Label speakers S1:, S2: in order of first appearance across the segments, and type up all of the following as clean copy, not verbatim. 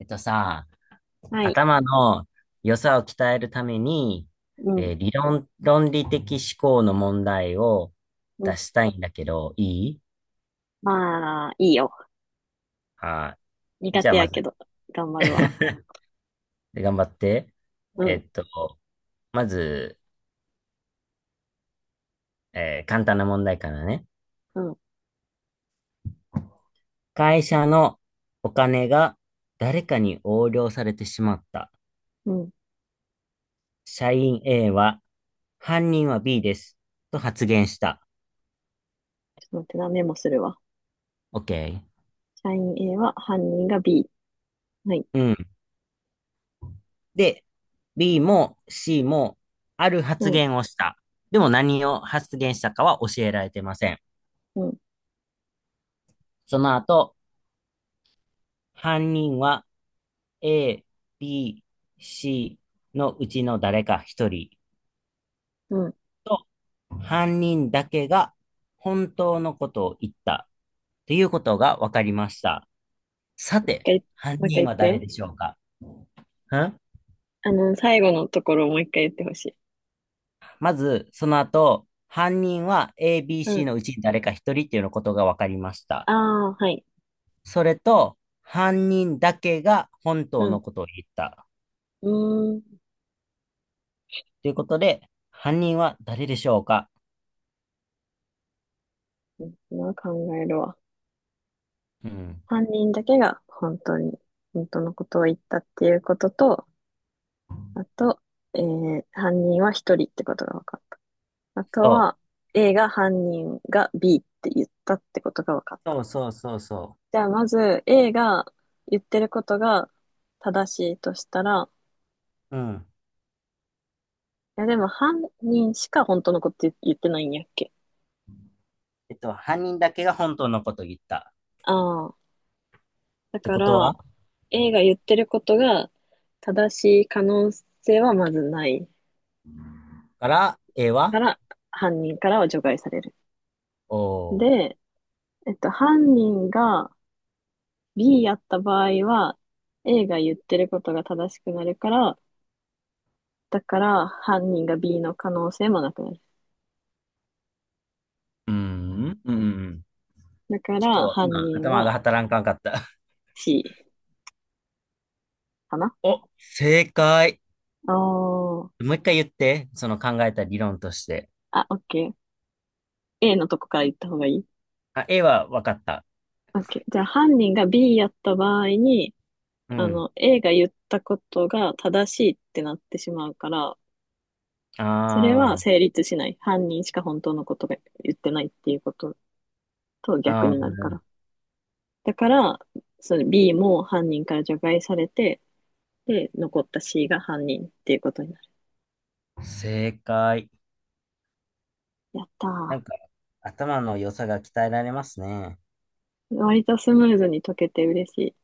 S1: さ、
S2: はい。
S1: 頭の良さを鍛えるために、
S2: うん。
S1: 理論、論理的思考の問題を
S2: う
S1: 出
S2: ん。
S1: したいんだけど、いい
S2: まあ、いいよ。
S1: あー、
S2: 苦
S1: じゃ
S2: 手
S1: あま
S2: やけ
S1: ず
S2: ど、頑張るわ。
S1: で頑張って。
S2: う
S1: え
S2: ん。
S1: っと、まず、簡単な問題からね。
S2: うん。
S1: 会社のお金が誰かに横領されてしまった。
S2: うん。ちょ
S1: 社員 A は、犯人は B です。と発言した。
S2: っと待って、な、メモするわ。
S1: OK。
S2: 社員 A は犯人が B。はい。
S1: うん。で、B も C もある
S2: う
S1: 発
S2: ん。
S1: 言をした。でも何を発言したかは教えられてません。
S2: うん。
S1: その後、犯人は A、B、C のうちの誰か一人
S2: うん。
S1: と犯人だけが本当のことを言ったということが分かりました。さ
S2: 一
S1: て、
S2: 回、
S1: 犯
S2: もう一
S1: 人
S2: 回
S1: は
S2: 言
S1: 誰
S2: って。
S1: でしょうか？ん
S2: 最後のところをもう一回言ってほしい。
S1: まず、その後、犯人は A、B、
S2: う
S1: C
S2: ん。
S1: のうちに誰か一人っていうのことが分かりまし
S2: あ
S1: た。
S2: あ、はい。
S1: それと、犯人だけが本
S2: う
S1: 当の
S2: ん。
S1: ことを言った。
S2: うーん。
S1: ということで、犯人は誰でしょうか？
S2: 今考えるわ。
S1: うん。
S2: 犯人だけが本当のことを言ったっていうことと、あと、犯人は一人ってことが分かった。あと
S1: そう。
S2: は A が犯人が B って言ったってことが分かっ
S1: そ
S2: た。
S1: うそうそうそ
S2: じゃあまず A が言ってることが正しいとしたら、
S1: う。うん。
S2: いやでも犯人しか本当のこと言ってないんやっけ。
S1: 犯人だけが本当のことを言った。
S2: ああ。だ
S1: って
S2: か
S1: こと
S2: ら
S1: は
S2: A が言ってることが正しい可能性はまずない
S1: から、A
S2: か
S1: は
S2: ら、犯人からは除外される。
S1: おー。
S2: で、犯人が B やった場合は、A が言ってることが正しくなるから、だから犯人が B の可能性もなくなる。
S1: うーん。うん。
S2: だか
S1: ち
S2: ら
S1: ょっと
S2: 犯
S1: 今、
S2: 人
S1: 頭
S2: は
S1: が働かんかった。
S2: C かな。
S1: お、正解。
S2: おー。
S1: もう一回言って、その考えた理論として。
S2: あ、OK。A のとこから言った方がいい？
S1: あ、A は分かった。
S2: OK。じゃあ犯人が B やった場合に、
S1: うん。
S2: A が言ったことが正しいってなってしまうから、それは
S1: あー、
S2: 成立しない。犯人しか本当のことが言ってないっていうことと逆になるか
S1: あ
S2: ら。だから、その B も犯人から除外されて、で、残った C が犯人っていうことになる。
S1: ー、正解。
S2: やった
S1: なんか、
S2: ー。
S1: 頭の良さが鍛えられますね。
S2: 割とスムーズに解けて嬉しい。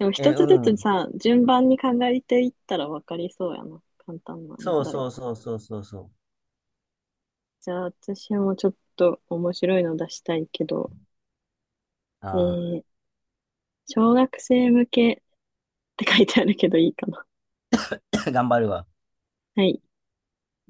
S2: でも
S1: え、
S2: 一
S1: う
S2: つずつ
S1: ん。
S2: さ、順番に考えていったら分かりそうやな。簡単な問
S1: そう
S2: 題
S1: そう
S2: は。
S1: そうそうそうそう。
S2: じゃあ私もちょっと面白いの出したいけど、え
S1: あ
S2: ー、小学生向けって書いてあるけどいいかな。
S1: あ、頑張るわ。
S2: はい。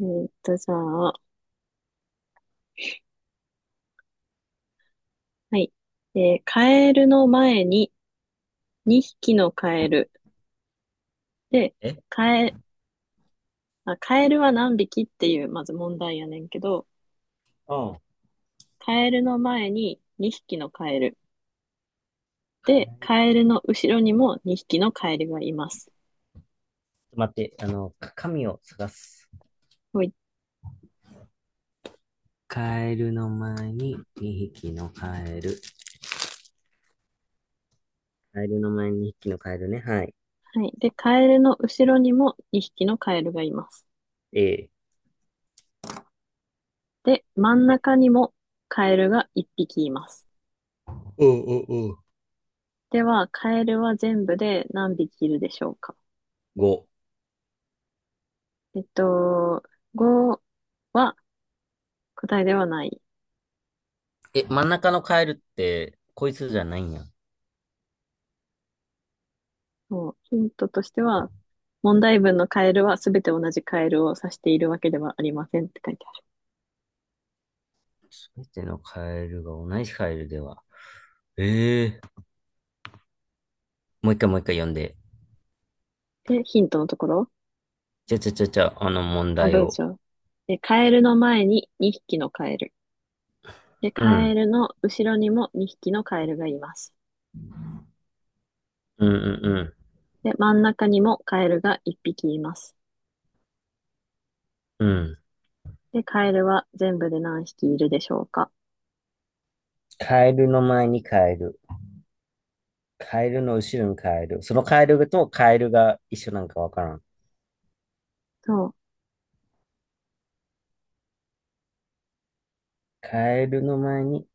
S2: じゃあ、はい。カエルの前に2匹のカエル。で、
S1: え、うん。ち
S2: カエ、あ、カエルは何匹っていう、まず問題やねんけど、
S1: ょっ
S2: カエルの前に2匹のカエル。で、カエルの後ろにも2匹のカエルがいます。
S1: と待って、紙を探す。カエルの前に2匹のカエル。カエルの前に2匹のカエルね。はい。
S2: はい。で、カエルの後ろにも2匹のカエルがいます。
S1: え
S2: で、真ん
S1: ー、え
S2: 中にもカエルが1匹います。
S1: おうおうおう。
S2: では、カエルは全部で何匹いるでしょうか？
S1: 5。
S2: えっと、5は答えではない。
S1: え、真ん中のカエルって、こいつじゃないんや。
S2: ヒントとしては、問題文のカエルはすべて同じカエルを指しているわけではありませんって書いてあ
S1: すべてのカエルが同じカエルでは。ええ、もう一回もう一回読んで。
S2: る。で、ヒントのところ、
S1: じゃ、あの問
S2: あ、
S1: 題
S2: 文
S1: を。
S2: 章。で、カエルの前に2匹のカエル。で、
S1: う
S2: カエ
S1: ん。
S2: ルの後ろにも2匹のカエルがいます。
S1: うんうん
S2: で、真ん中にもカエルが1匹います。
S1: うん。うん。
S2: で、カエルは全部で何匹いるでしょうか？
S1: カエルの前にカエル。カエルの後ろにカエル。そのカエルとカエルが一緒なんかわからん。
S2: そ
S1: カエルの前に。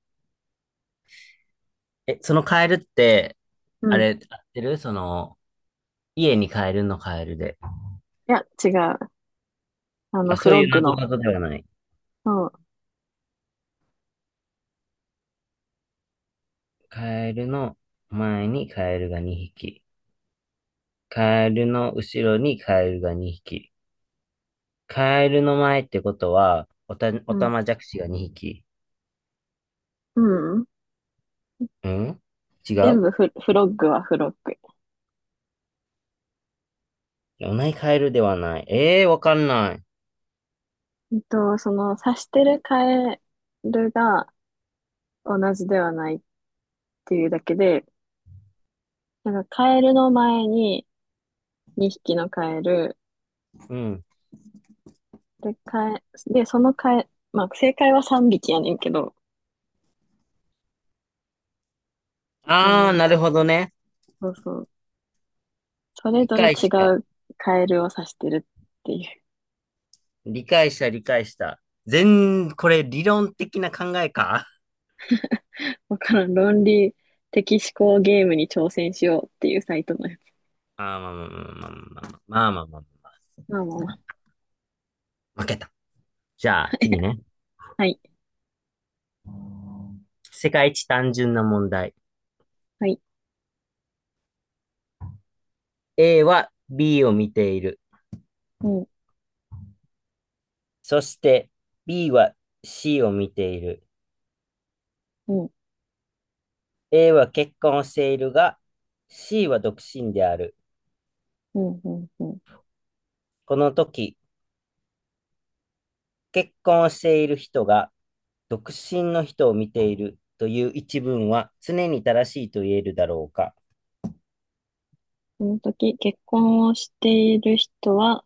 S1: え、そのカエルって、
S2: う。
S1: あ
S2: うん。い
S1: れ、合ってるその、家にカエルのカエルで。
S2: や、違う。
S1: あ、
S2: フ
S1: そう
S2: ロッ
S1: いう
S2: グ
S1: なぞ
S2: の。
S1: なぞではない。
S2: そ
S1: カエルの前にカエルが2匹。カエルの後ろにカエルが2匹。カエルの前ってことは、お
S2: う。う
S1: た
S2: ん。
S1: まじゃくしが2匹。
S2: うん。
S1: ん違
S2: 全
S1: う。
S2: 部フロッグはフロッグ。
S1: お前イカエルではない。ええー、わかんない。
S2: その、刺してるカエルが同じではないっていうだけで、なんかカエルの前に2匹のカエル、
S1: うん。
S2: で、カエ、で、そのカエ、まあ、正解は3匹やねんけど、あ
S1: あー、
S2: の、
S1: なるほどね。
S2: そうそう。それ
S1: 理
S2: ぞれ
S1: 解
S2: 違
S1: した。
S2: うカエルを指してるっていう。
S1: 理解した、理解した。これ理論的な考えか？
S2: わからん。論理的思考ゲームに挑戦しようっていうサイトのやつ。
S1: あー、まあまあまあまあまあまあまあまあま
S2: まあまあまあ。
S1: あ。負けた。じゃあ、次ね。
S2: はい。
S1: 世界一単純な問題。
S2: はい。
S1: A は B を見ている。
S2: うん、
S1: そして B は C を見ている。
S2: うん、
S1: A は結婚をしているが、C は独身である。
S2: うん、うん、うん。
S1: この時、結婚している人が独身の人を見ているという一文は常に正しいと言えるだろうか？
S2: その時、結婚をしている人は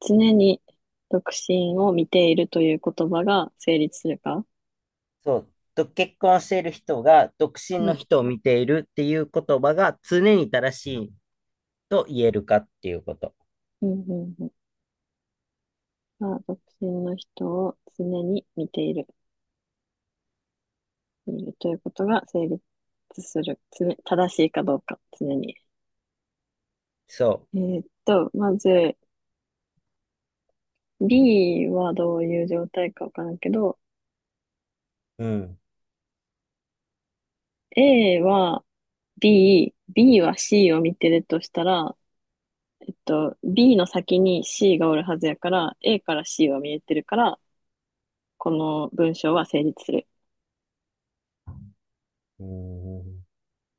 S2: 常に独身を見ているという言葉が成立するか？
S1: そう。と結婚している人が独身
S2: う
S1: の
S2: ん、
S1: 人を見ているっていう言葉が常に正しいと言えるかっていうこと。
S2: うん、うん、うん。まあ、独身の人を常に見るということが成立する。常正しいかどうか、常に。
S1: そ
S2: まず、B はどういう状態かわからんけど、
S1: う。うん。
S2: A は B、B は C を見てるとしたら、B の先に C がおるはずやから、A から C は見えてるから、この文章は成立する。
S1: うん。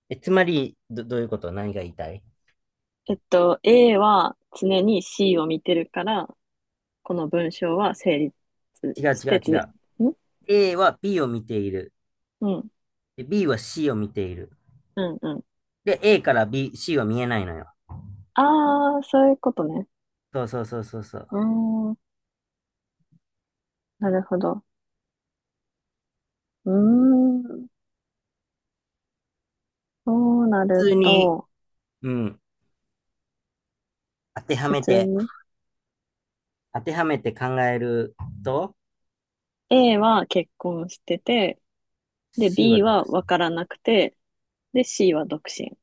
S1: え、つまり、どういうこと、何が言いたい？
S2: A は常に C を見てるから、この文章は成立
S1: 違う
S2: し
S1: 違
S2: て
S1: う
S2: 常、
S1: 違
S2: ん。
S1: う。A は B を見ている。
S2: うん、
S1: で B は C を見ている。
S2: うん、うん。
S1: で、A から B、C は見えないのよ。
S2: あー、そういうことね。
S1: そうそうそうそうそ
S2: う
S1: う。
S2: ーん、なるほど。うーん。そうな
S1: 普
S2: る
S1: 通に、
S2: と、
S1: うん。当ては
S2: 普
S1: め
S2: 通
S1: て、
S2: に
S1: 当てはめて考えると、
S2: A は結婚してて、で、
S1: C
S2: B
S1: は、
S2: はわからなくて、で、C は独身。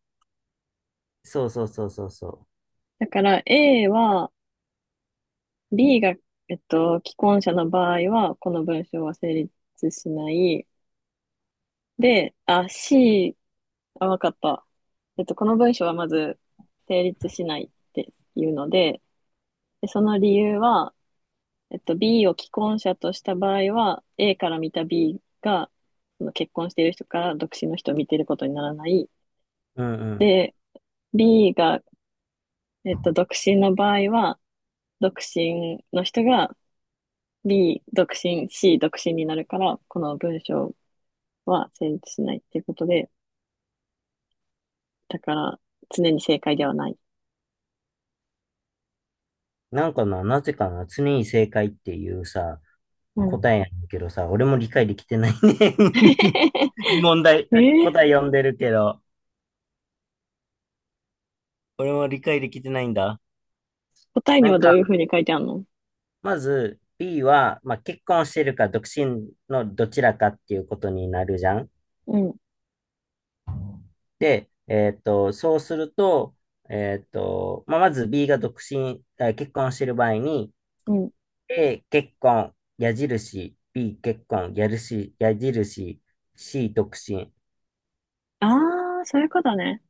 S1: そうそうそうそうそ
S2: だから A は、B が、既婚者の場合は、この文章は成立しない。で、あ、C、あ、わかった。この文章はまず成立しないっていうので、で、その理由は、B を既婚者とした場合は、A から見た B が、その結婚している人から独身の人を見ていることにならない。
S1: う。うんうん。
S2: で、B が、独身の場合は、独身の人が B 独身、C 独身になるから、この文章は成立しないっていうことで、だから常に正解ではない。
S1: なんかな、なぜかな、常に正解っていうさ、
S2: うん。
S1: 答えやねんけどさ、俺も理解できてないね。問題、
S2: えー、
S1: 答え読んでるけど、俺も理解できてないんだ。
S2: 答えに
S1: なん
S2: はど
S1: か、
S2: ういうふうに書いてあるの？
S1: まず B は、まあ、結婚してるか独身のどちらかっていうことになるじゃん。
S2: うん、
S1: で、そうすると、まあ、まず B が独身、あ、結婚してる場合に、
S2: うん。
S1: A、結婚、矢印、B、結婚、矢印、矢印、C、独身っ
S2: あー、そういうことね。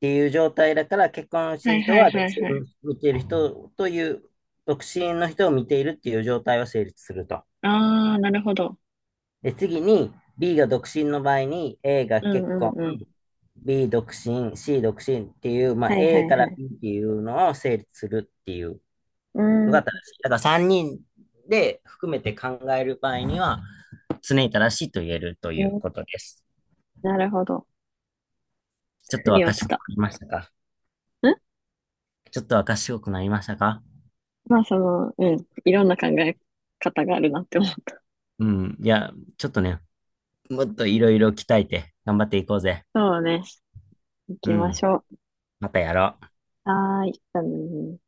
S1: ていう状態だから、結婚し
S2: は
S1: てる
S2: い
S1: 人
S2: はい
S1: は独
S2: はい
S1: 身
S2: は
S1: を
S2: い。
S1: 見ている人という、独身の人を見ているっていう状態を成立すると。
S2: ああ、なるほど。
S1: で、次に B が独身の場合に A が
S2: う
S1: 結
S2: んう
S1: 婚、
S2: んうん。
S1: B 独身、C 独身っていう、まあ、
S2: はいは
S1: A
S2: い
S1: か
S2: は
S1: ら
S2: い。
S1: B っていうのを成立するっていう
S2: う
S1: の
S2: ーん、
S1: が正しい。だから3人で含めて考える場合には常に正しいと言えると
S2: う
S1: いう
S2: ん、
S1: ことです。
S2: なるほど。
S1: ちょっ
S2: 腑
S1: とは
S2: に落ち
S1: 賢く
S2: た。
S1: なりましたか？
S2: ん、
S1: ちょっとは賢くなりましたか？
S2: まあその、うん。いろんな考え方があるなって思った。
S1: うん。いや、ちょっとね、もっといろいろ鍛えて頑張っていこうぜ。
S2: そうね。行
S1: う
S2: きまし
S1: ん。
S2: ょう。
S1: またやろう。
S2: はーい。うん